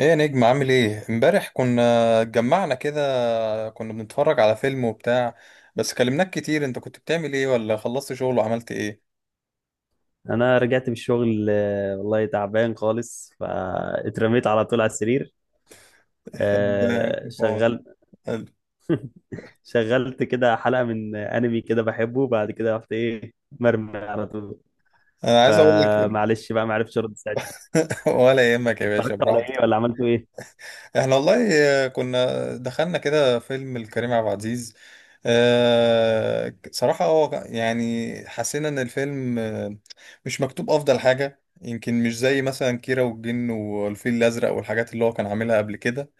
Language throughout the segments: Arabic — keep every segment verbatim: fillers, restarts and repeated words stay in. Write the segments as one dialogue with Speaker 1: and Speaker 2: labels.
Speaker 1: ايه يا نجم، عامل ايه؟ امبارح كنا اتجمعنا كده، كنا بنتفرج على فيلم وبتاع. بس كلمناك كتير، انت كنت بتعمل ايه؟ ولا خلصت شغل وعملت ايه؟
Speaker 2: انا رجعت من الشغل، آه، والله تعبان خالص، فاترميت على طول على السرير. آه،
Speaker 1: طب آه،
Speaker 2: شغل شغلت كده حلقة من انمي كده بحبه. بعد كده رحت ايه، مرمي على طول.
Speaker 1: انا عايز اقول لك.
Speaker 2: فمعلش بقى، ما عرفتش ارد ساعتها.
Speaker 1: ولا يهمك يا باشا،
Speaker 2: اتفرجت على ايه؟
Speaker 1: براحتك.
Speaker 2: ولا عملتوا ايه؟
Speaker 1: احنا والله آه، كنا دخلنا كده فيلم الكريم عبد العزيز. آه، صراحة هو يعني حسينا ان الفيلم آه، مش مكتوب افضل حاجة، يمكن مش زي مثلا كيرة والجن والفيل الازرق والحاجات اللي هو كان عاملها قبل كده.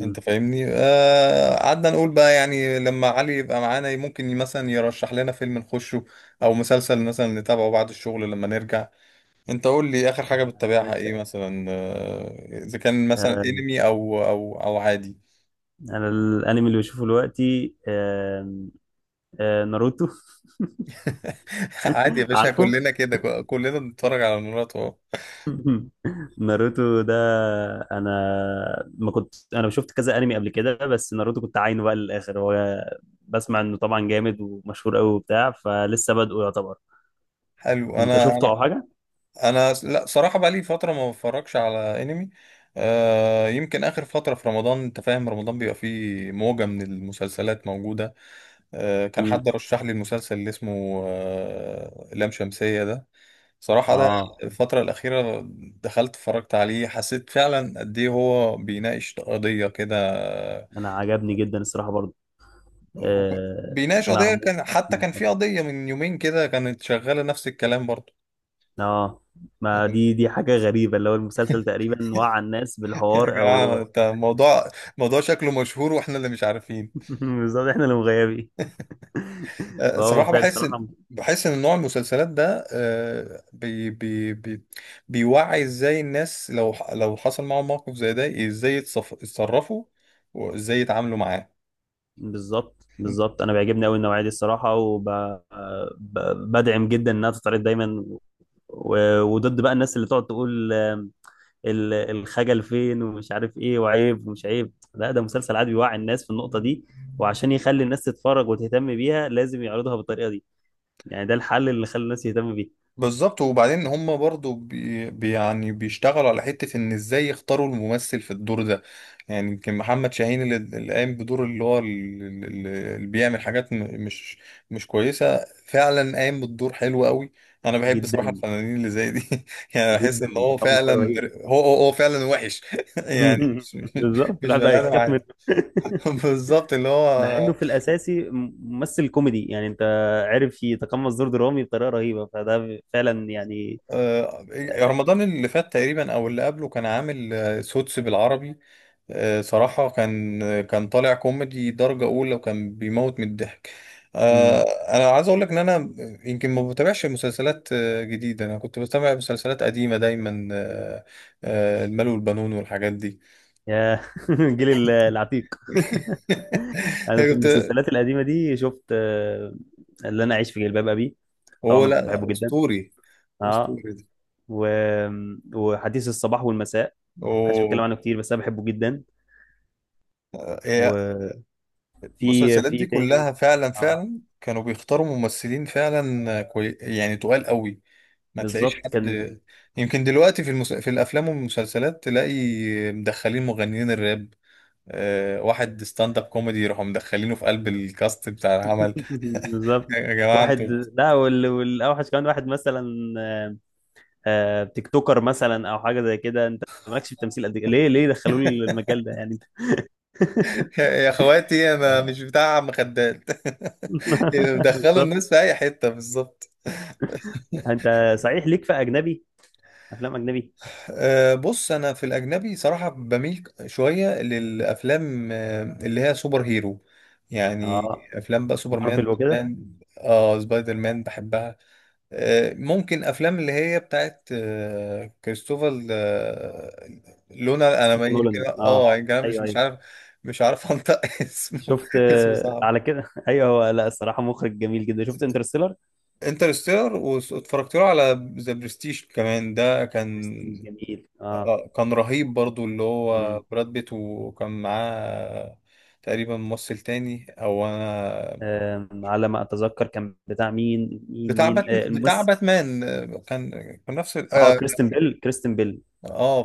Speaker 1: انت فاهمني؟ آه قعدنا نقول بقى يعني لما علي يبقى معانا ممكن مثلا يرشح لنا فيلم نخشه، او مسلسل مثلا نتابعه بعد الشغل لما نرجع. انت قول لي، اخر حاجة
Speaker 2: يا
Speaker 1: بتتابعها
Speaker 2: باشا.
Speaker 1: ايه مثلا؟ آه، اذا كان مثلا
Speaker 2: آه،
Speaker 1: انمي او او او عادي.
Speaker 2: انا الانمي اللي بشوفه دلوقتي، آه، آه، ناروتو.
Speaker 1: عادي يا باشا،
Speaker 2: عارفه.
Speaker 1: كلنا كده، ك- كلنا بنتفرج على مرات اهو.
Speaker 2: ناروتو ده، انا ما كنت انا شفت كذا انمي قبل كده، بس ناروتو كنت عاينه بقى للاخر. هو بسمع انه طبعا جامد ومشهور قوي وبتاع، فلسه بادئه يعتبر.
Speaker 1: حلو.
Speaker 2: انت
Speaker 1: انا
Speaker 2: شفته او حاجه؟
Speaker 1: انا أنا- س- لا صراحة بقى لي فترة ما بتفرجش على انمي. آه يمكن اخر فترة في رمضان، انت فاهم، رمضان بيبقى فيه موجة من المسلسلات موجودة. آه، كان
Speaker 2: امم.
Speaker 1: حد رشح لي المسلسل اللي اسمه آه، لام شمسية ده. صراحة ده
Speaker 2: اه،
Speaker 1: الفترة الأخيرة دخلت اتفرجت عليه، حسيت فعلا قد إيه هو بيناقش قضية كده. آه،
Speaker 2: انا عجبني جدا الصراحه برضه.
Speaker 1: وك-
Speaker 2: آه،
Speaker 1: بيناقش قضية،
Speaker 2: معمول.
Speaker 1: كان حتى كان في قضية من يومين كده كانت شغالة نفس الكلام برضه.
Speaker 2: اه، ما دي دي حاجه غريبه، اللي هو المسلسل تقريبا وعى الناس
Speaker 1: يا
Speaker 2: بالحوار او...
Speaker 1: جماعة، انت الموضوع، موضوع شكله مشهور واحنا اللي مش عارفين.
Speaker 2: بالظبط، احنا اللي مغيبين.
Speaker 1: آه،
Speaker 2: فهو
Speaker 1: صراحة
Speaker 2: فعلا
Speaker 1: بحس إن-
Speaker 2: صراحه.
Speaker 1: بحس ان نوع المسلسلات ده، آه، بي بي بي بيوعي ازاي الناس لو ح- لو حصل معاهم موقف زي ده، ازاي يتصف- يتصرفوا وازاي يتعاملوا معاه.
Speaker 2: بالظبط بالظبط، انا بيعجبني قوي النوعيه دي الصراحه، وبدعم جدا انها تتعرض دايما. و- وضد بقى الناس اللي تقعد تقول آم، ال- الخجل فين ومش عارف ايه، وعيب ومش عيب. لا، ده مسلسل عادي بيوعي الناس في النقطه دي، وعشان يخلي الناس تتفرج وتهتم بيها لازم يعرضها بالطريقه دي. يعني ده الحل اللي خلى الناس تهتم بيه.
Speaker 1: بالظبط. وبعدين هم برضو بي بي- يعني بيشتغلوا على حتة ان ازاي يختاروا الممثل في الدور ده. يعني يمكن محمد شاهين اللي اللي قايم بدور اللي هو ال- ال- ال- اللي بيعمل حاجات م- مش مش كويسة، فعلا قايم بالدور حلو قوي. انا بحب صراحة
Speaker 2: جدا
Speaker 1: الفنانين اللي زي دي. يعني بحس
Speaker 2: جدا،
Speaker 1: ان هو
Speaker 2: التقمص ده
Speaker 1: فعلا.
Speaker 2: رهيب.
Speaker 1: هو هو, هو فعلا وحش. يعني مش مش
Speaker 2: بالظبط،
Speaker 1: مش
Speaker 2: الواحد بقى
Speaker 1: بني ادم
Speaker 2: يخاف
Speaker 1: عادي.
Speaker 2: منه.
Speaker 1: بالظبط اللي
Speaker 2: مع انه
Speaker 1: هو.
Speaker 2: في الاساسي م- ممثل كوميدي، يعني انت عارف يتقمص دور درامي بطريقه رهيبه، فده فعلا يعني.
Speaker 1: آه،
Speaker 2: آه،
Speaker 1: رمضان اللي فات تقريبا او اللي قبله كان عامل آه، سوتس بالعربي. آه، صراحة كان آه، كان طالع كوميدي درجة أولى وكان بيموت من الضحك. آه،
Speaker 2: مم.
Speaker 1: أنا عايز أقول لك إن أنا يمكن ما بتابعش مسلسلات آه، جديدة. أنا كنت بتابع مسلسلات قديمة دايما. آه، آه، المال والبنون والحاجات دي.
Speaker 2: يا، الجيل ال- العتيق. انا في
Speaker 1: كنت.
Speaker 2: المسلسلات القديمه دي شفت آه، اللي انا عايش في جلباب ابي.
Speaker 1: هو
Speaker 2: طبعا
Speaker 1: لا
Speaker 2: بحبه
Speaker 1: لا،
Speaker 2: جدا.
Speaker 1: أسطوري.
Speaker 2: اه.
Speaker 1: أسطوري ده.
Speaker 2: و... وحديث الصباح والمساء، محدش بيتكلم
Speaker 1: أوه.
Speaker 2: عنه كتير بس انا بحبه جدا. وفي
Speaker 1: المسلسلات دي
Speaker 2: في تاني.
Speaker 1: كلها فعلا
Speaker 2: اه،
Speaker 1: فعلا كانوا بيختاروا ممثلين فعلا كوي... يعني تقال قوي. ما تلاقيش
Speaker 2: بالظبط كان.
Speaker 1: حد. يمكن دلوقتي في المس... في الافلام والمسلسلات تلاقي مدخلين مغنيين الراب، آه... واحد ستاند اب كوميدي يروحوا مدخلينه في قلب الكاست بتاع العمل.
Speaker 2: بالظبط،
Speaker 1: يا جماعة
Speaker 2: واحد.
Speaker 1: انتوا.
Speaker 2: لا وال... والاوحش كمان واحد مثلا، آه، آه، تيك توكر مثلا او حاجه زي كده. انت مالكش في التمثيل قد كده، ليه ليه دخلوا لي المجال ده يعني؟
Speaker 1: يا يا اخواتي انا مش بتاع عم خدات، مدخلوا
Speaker 2: بالظبط.
Speaker 1: الناس في اي حتة بالظبط.
Speaker 2: انت صحيح ليك في اجنبي افلام اجنبي؟
Speaker 1: أه، بص، انا في الاجنبي صراحه بميل شويه للافلام أه، اللي هي سوبر هيرو. يعني
Speaker 2: اه،
Speaker 1: افلام بقى سوبر
Speaker 2: مارفل
Speaker 1: مان
Speaker 2: وكده.
Speaker 1: مان اه سبايدر مان بحبها. أه ممكن افلام اللي هي بتاعت أه كريستوفر أه لونا. انا
Speaker 2: كريستوفر
Speaker 1: ما
Speaker 2: نولان،
Speaker 1: كده،
Speaker 2: اه،
Speaker 1: اه يعني أنا مش
Speaker 2: ايوه
Speaker 1: مش
Speaker 2: ايوه.
Speaker 1: عارف، مش عارف انطق اسمه.
Speaker 2: شفت
Speaker 1: اسمه
Speaker 2: آه،
Speaker 1: صعب.
Speaker 2: على كده، ايوه، هو لا الصراحه مخرج جميل جدا. شفت انترستيلر.
Speaker 1: انترستيلر، واتفرجت له على ذا برستيج كمان ده كان
Speaker 2: برستيج جميل،
Speaker 1: آه،
Speaker 2: اه.
Speaker 1: آه، كان رهيب برضو اللي هو
Speaker 2: مم.
Speaker 1: براد بيت، وكان معاه تقريبا ممثل تاني، او انا.
Speaker 2: آم، على ما اتذكر كان بتاع مين مين
Speaker 1: بتاع
Speaker 2: مين آه،
Speaker 1: باتمان بتاع
Speaker 2: الممثل.
Speaker 1: باتمان آه، كان كان نفس ال-
Speaker 2: اه،
Speaker 1: اه
Speaker 2: كريستن بيل، كريستن بيل،
Speaker 1: آه،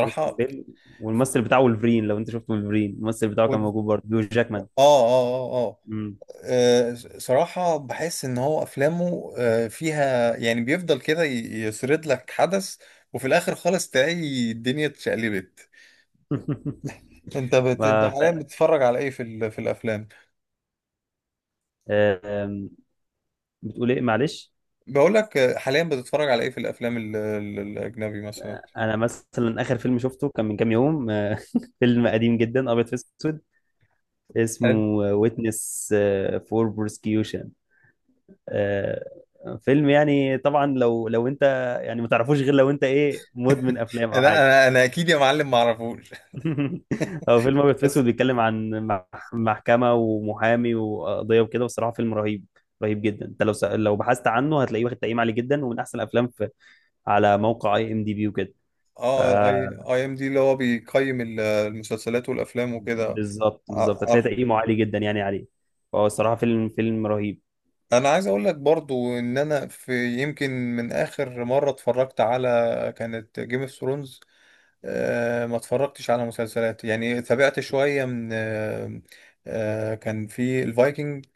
Speaker 2: كريستن بيل. والممثل بتاعه ولفرين، لو انت شفت ولفرين، الممثل بتاعه
Speaker 1: و- اه
Speaker 2: كان موجود برضه، بيو
Speaker 1: اه
Speaker 2: جاكمان.
Speaker 1: اه اه
Speaker 2: مم.
Speaker 1: آه، صراحة بحس ان هو افلامه آه، فيها، يعني بيفضل كده ي- يسرد لك حدث، وفي الاخر خالص تلاقي الدنيا اتشقلبت. انت
Speaker 2: ف...
Speaker 1: بت... انت حاليا
Speaker 2: ف-
Speaker 1: بتتفرج على ايه في ال... في الافلام؟
Speaker 2: آم، بتقول ايه؟ معلش.
Speaker 1: بقول لك، حاليا بتتفرج على ايه في الافلام ال- ال- الاجنبي مثلا؟
Speaker 2: انا مثلا اخر فيلم شفته كان من كام يوم، آه، فيلم قديم جدا ابيض في اسود اسمه
Speaker 1: حلو.
Speaker 2: ويتنس فور بروسكيوشن. فيلم يعني طبعا، لو لو انت يعني ما تعرفوش غير لو انت ايه، مدمن افلام او
Speaker 1: انا
Speaker 2: حاجه.
Speaker 1: انا انا اكيد يا معلم ما اعرفوش،
Speaker 2: هو فيلم ابيض في
Speaker 1: بس.
Speaker 2: اسود بيتكلم عن مح- محكمه ومحامي وقضيه وكده، والصراحه فيلم رهيب. رهيب جدا. انت لو س... لو بحثت عنه هتلاقيه واخد تقييم عالي جدا، ومن احسن الافلام في... على موقع اي ام دي بي وكده. ف
Speaker 1: اه اي اي ام دي اللي هو بيقيم ال- المسلسلات والافلام وكده.
Speaker 2: بالظبط بالظبط،
Speaker 1: ع-
Speaker 2: هتلاقي
Speaker 1: عارف.
Speaker 2: تقييمه عالي جدا يعني عليه. فهو الصراحه فيلم فيلم رهيب.
Speaker 1: انا عايز اقول لك برضو ان انا، في يمكن، من اخر مره اتفرجت على، كانت جيم اوف ثرونز. ما اتفرجتش على مسلسلات يعني، تابعت شويه من آه، آه، كان في الفايكنج.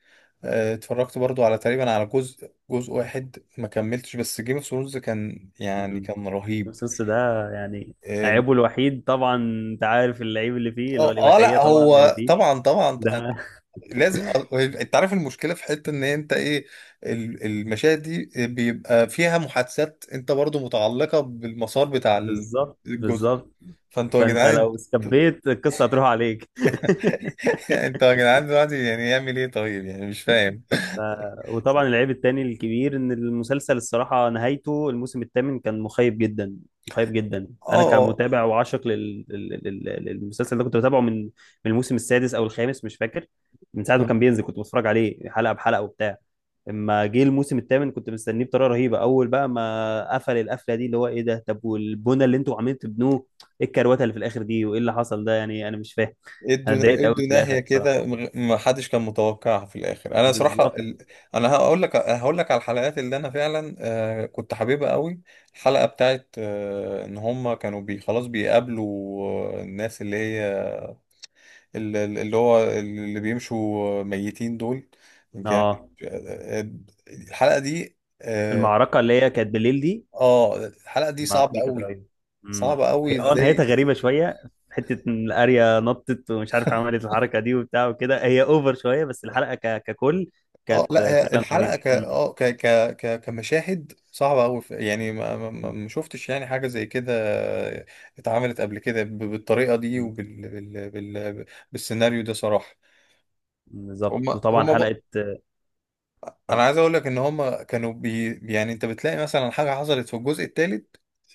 Speaker 1: آه، اتفرجت برضو على، تقريبا على جزء، جزء واحد ما كملتش. بس جيم اوف ثرونز كان، يعني
Speaker 2: مم.
Speaker 1: كان رهيب.
Speaker 2: السوس ده، يعني
Speaker 1: آم،
Speaker 2: عيبه الوحيد طبعا. انت عارف العيب اللي فيه، اللي هو
Speaker 1: اه. آه،
Speaker 2: الاباحيه
Speaker 1: لا
Speaker 2: طبعا اللي
Speaker 1: هو
Speaker 2: فيه
Speaker 1: طبعا طبعا.
Speaker 2: ده.
Speaker 1: آه، لازم. آه، انت عارف المشكله في حته ان انت ايه؟ ال- المشاهد دي بيبقى فيها محادثات انت برضو متعلقه بالمسار بتاع ال-
Speaker 2: بالظبط
Speaker 1: الجزء.
Speaker 2: بالظبط،
Speaker 1: فانتوا يا
Speaker 2: فانت
Speaker 1: جدعان.
Speaker 2: لو استبيت القصه هتروح عليك.
Speaker 1: انتوا يا جدعان دلوقتي يعني يعمل ايه طيب؟ يعني مش فاهم.
Speaker 2: ف- وطبعا العيب التاني الكبير، ان المسلسل الصراحه نهايته الموسم الثامن كان مخيب جدا. مخيب جدا. انا
Speaker 1: اه،
Speaker 2: كمتابع وعاشق لل- لل- لل- للمسلسل ده، كنت بتابعه من من الموسم السادس او الخامس، مش فاكر. من ساعه ما كان بينزل كنت بتفرج عليه حلقه بحلقه وبتاع. اما جه الموسم الثامن، كنت مستنيه بطريقه رهيبه. اول بقى ما قفل القفله دي اللي هو ايه ده، طب والبنى اللي انتوا عاملين تبنوه، ايه الكروته اللي في الاخر دي، وايه اللي حصل ده يعني، انا مش فاهم. انا
Speaker 1: ادوا
Speaker 2: اتضايقت قوي
Speaker 1: ادوا
Speaker 2: في الاخر
Speaker 1: ناهية كده،
Speaker 2: بصراحه.
Speaker 1: مغ- ما حدش كان متوقعها في الاخر. انا صراحة
Speaker 2: بالظبط.
Speaker 1: ال... انا هقول لك هقول لك على الحلقات اللي انا فعلا آه كنت حاببها قوي. الحلقة بتاعت آه ان هم كانوا بي خلاص بيقابلوا آه، الناس اللي هي ال- ال- اللي هو اللي بيمشوا ميتين دول. كان
Speaker 2: اه،
Speaker 1: آه، الحلقة دي اه
Speaker 2: المعركة اللي هي كانت بالليل دي،
Speaker 1: آه، الحلقة دي
Speaker 2: المعركة
Speaker 1: صعبة
Speaker 2: دي كانت
Speaker 1: قوي.
Speaker 2: رهيبة. امم.
Speaker 1: صعبة قوي
Speaker 2: هي اه نهايتها
Speaker 1: ازاي؟
Speaker 2: غريبة شوية. حتة ان الاريا نطت ومش عارف عملت الحركة دي وبتاع وكده، هي اوفر شوية، بس الحلقة ك... ككل
Speaker 1: اه،
Speaker 2: كانت
Speaker 1: لا هي
Speaker 2: فعلا
Speaker 1: الحلقه
Speaker 2: رهيبة.
Speaker 1: ك
Speaker 2: امم،
Speaker 1: اه ك ك ك كمشاهد صعبه قوي، يعني ما ما ما
Speaker 2: امم،
Speaker 1: ما شفتش يعني حاجه زي كده اتعملت قبل كده ب- بالطريقه دي
Speaker 2: امم.
Speaker 1: وبال بال بال بالسيناريو ده صراحه. هم
Speaker 2: بالظبط. وطبعا
Speaker 1: هم بقى،
Speaker 2: حلقة.
Speaker 1: انا عايز اقول لك ان هم كانوا بي يعني انت بتلاقي مثلا حاجه حصلت في الجزء الثالث،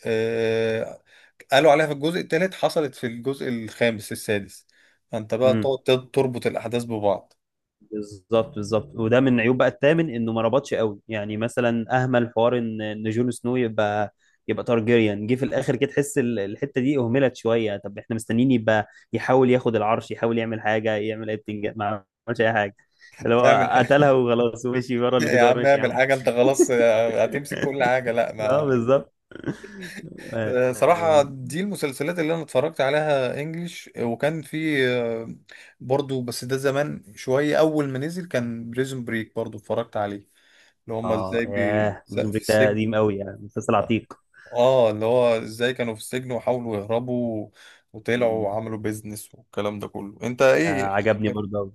Speaker 1: آه قالوا عليها في الجزء الثالث حصلت في الجزء الخامس السادس، فانت بقى
Speaker 2: امم.
Speaker 1: تقعد تربط الاحداث ببعض.
Speaker 2: بالظبط بالظبط، وده من عيوب بقى الثامن انه ما ربطش قوي. يعني مثلا اهمل حوار ان ان جون سنو يبقى يبقى تارجيريان، جه في الاخر كده تحس ال- الحته دي اهملت شويه. طب احنا مستنيين يبقى يحاول ياخد العرش، يحاول يعمل حاجه، يعمل اي بتنج، ما عملش اي حاجه، اللي
Speaker 1: تعمل.
Speaker 2: هو قتلها وخلاص ومشي ورا
Speaker 1: يا
Speaker 2: الجدار،
Speaker 1: عم
Speaker 2: ماشي يا
Speaker 1: اعمل
Speaker 2: عم.
Speaker 1: حاجة، انت خلاص. آه، هتمسك كل حاجة لا
Speaker 2: اه،
Speaker 1: ما.
Speaker 2: بالظبط.
Speaker 1: آه، صراحة دي المسلسلات اللي انا اتفرجت عليها انجليش، وكان في آه، برضو بس ده زمان شوية، اول ما نزل كان بريزون بريك برضو اتفرجت عليه، اللي هما
Speaker 2: اه
Speaker 1: ازاي بي...
Speaker 2: ياه،
Speaker 1: س-
Speaker 2: بريزون
Speaker 1: في
Speaker 2: بريك ده
Speaker 1: السجن.
Speaker 2: قديم قوي، يعني مسلسل عتيق.
Speaker 1: اه، اللي هو ازاي كانوا في السجن وحاولوا يهربوا، وطلعوا وعملوا بيزنس والكلام ده كله، انت ايه؟
Speaker 2: آه، عجبني
Speaker 1: اخر
Speaker 2: برضه.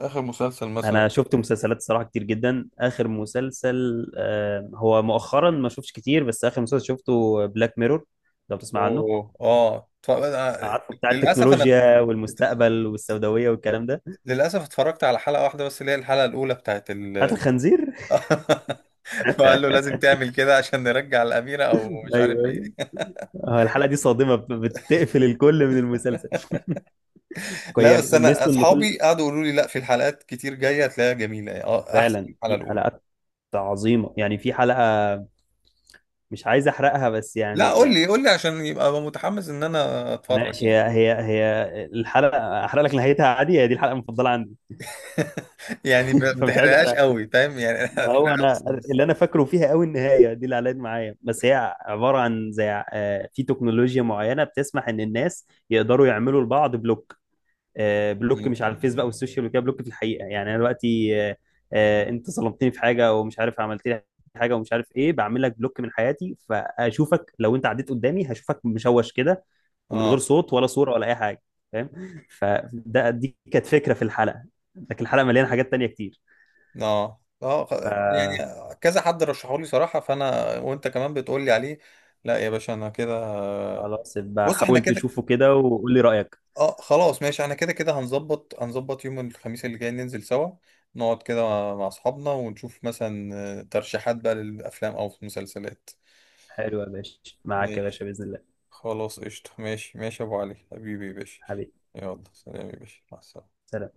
Speaker 1: آخر مسلسل مثلا.
Speaker 2: انا شفت مسلسلات الصراحه كتير جدا. اخر مسلسل، آه، هو مؤخرا ما شفتش كتير، بس اخر مسلسل شفته بلاك ميرور، لو بتسمع عنه.
Speaker 1: اوه، اه اتف- آه،
Speaker 2: عارفه، بتاع
Speaker 1: للاسف انا
Speaker 2: التكنولوجيا والمستقبل والسوداويه والكلام ده.
Speaker 1: للأسف اتفرجت على حلقة واحدة بس اللي هي الحلقة الأولى بتاعت
Speaker 2: هات
Speaker 1: ال
Speaker 2: الخنزير.
Speaker 1: فقال له لازم تعمل كده عشان نرجع الأميرة، أو مش
Speaker 2: ايوه،
Speaker 1: عارف إيه.
Speaker 2: ايوه. آه، الحلقه دي صادمه، بت- بتقفل الكل من المسلسل.
Speaker 1: لا
Speaker 2: هي
Speaker 1: بس أنا
Speaker 2: ميزته ان كل
Speaker 1: أصحابي قعدوا يقولوا لي لا، في الحلقات كتير جاية هتلاقيها جميلة يعني، أه أحسن من
Speaker 2: فعلا
Speaker 1: الحلقة
Speaker 2: في
Speaker 1: الأولى.
Speaker 2: حلقات عظيمه، يعني في حلقه مش عايز احرقها بس
Speaker 1: لا، قول
Speaker 2: يعني.
Speaker 1: لي قول لي عشان يبقى أبقى متحمس إن أنا أتفرج
Speaker 2: ماشي،
Speaker 1: يعني.
Speaker 2: هي هي هي الحلقه احرق لك نهايتها عادي، هي دي الحلقه المفضله عندي.
Speaker 1: يعني ما ما
Speaker 2: فمش عايز
Speaker 1: تحرقهاش
Speaker 2: احرقها.
Speaker 1: قوي، فاهم يعني.
Speaker 2: ما هو
Speaker 1: احرقها بس
Speaker 2: انا
Speaker 1: نص.
Speaker 2: اللي انا فاكره فيها قوي النهايه دي اللي علقت معايا. بس هي عباره عن زي، آه، في تكنولوجيا معينه بتسمح ان الناس يقدروا يعملوا لبعض بلوك. آه، بلوك
Speaker 1: مم.
Speaker 2: مش على الفيسبوك او السوشيال ميديا، بلوك في الحقيقه، يعني انا دلوقتي آه، آه، انت ظلمتني في حاجه او مش عارف عملت لي حاجه ومش عارف ايه، بعمل لك بلوك من حياتي، فاشوفك لو انت عديت قدامي هشوفك مشوش كده، ومن غير
Speaker 1: أه
Speaker 2: صوت ولا صوره ولا اي حاجه. فاهم. فده دي كانت فكره في الحلقه، لكن الحلقه مليانه حاجات تانيه كتير.
Speaker 1: أه اه خ-
Speaker 2: ف
Speaker 1: يعني كذا حد رشحولي صراحة، فانا وانت كمان بتقولي عليه. لا يا باشا انا كده،
Speaker 2: خلاص، يبقى
Speaker 1: بص احنا
Speaker 2: حاول
Speaker 1: كده.
Speaker 2: تشوفه كده وقول لي رأيك.
Speaker 1: اه، خلاص ماشي، احنا كده كده هنظبط هنظبط يوم الخميس اللي جاي ننزل سوا، نقعد كده مع مع اصحابنا ونشوف مثلا آه، ترشيحات بقى للافلام او مسلسلات.
Speaker 2: حلو يا باشا، معاك يا
Speaker 1: ماشي.
Speaker 2: باشا، بإذن الله.
Speaker 1: خلاص قشطة، ماشي ماشي يا ابو علي، حبيبي يا باشا.
Speaker 2: حبيبي،
Speaker 1: يلا سلام يا باشا، مع السلامة.
Speaker 2: سلام.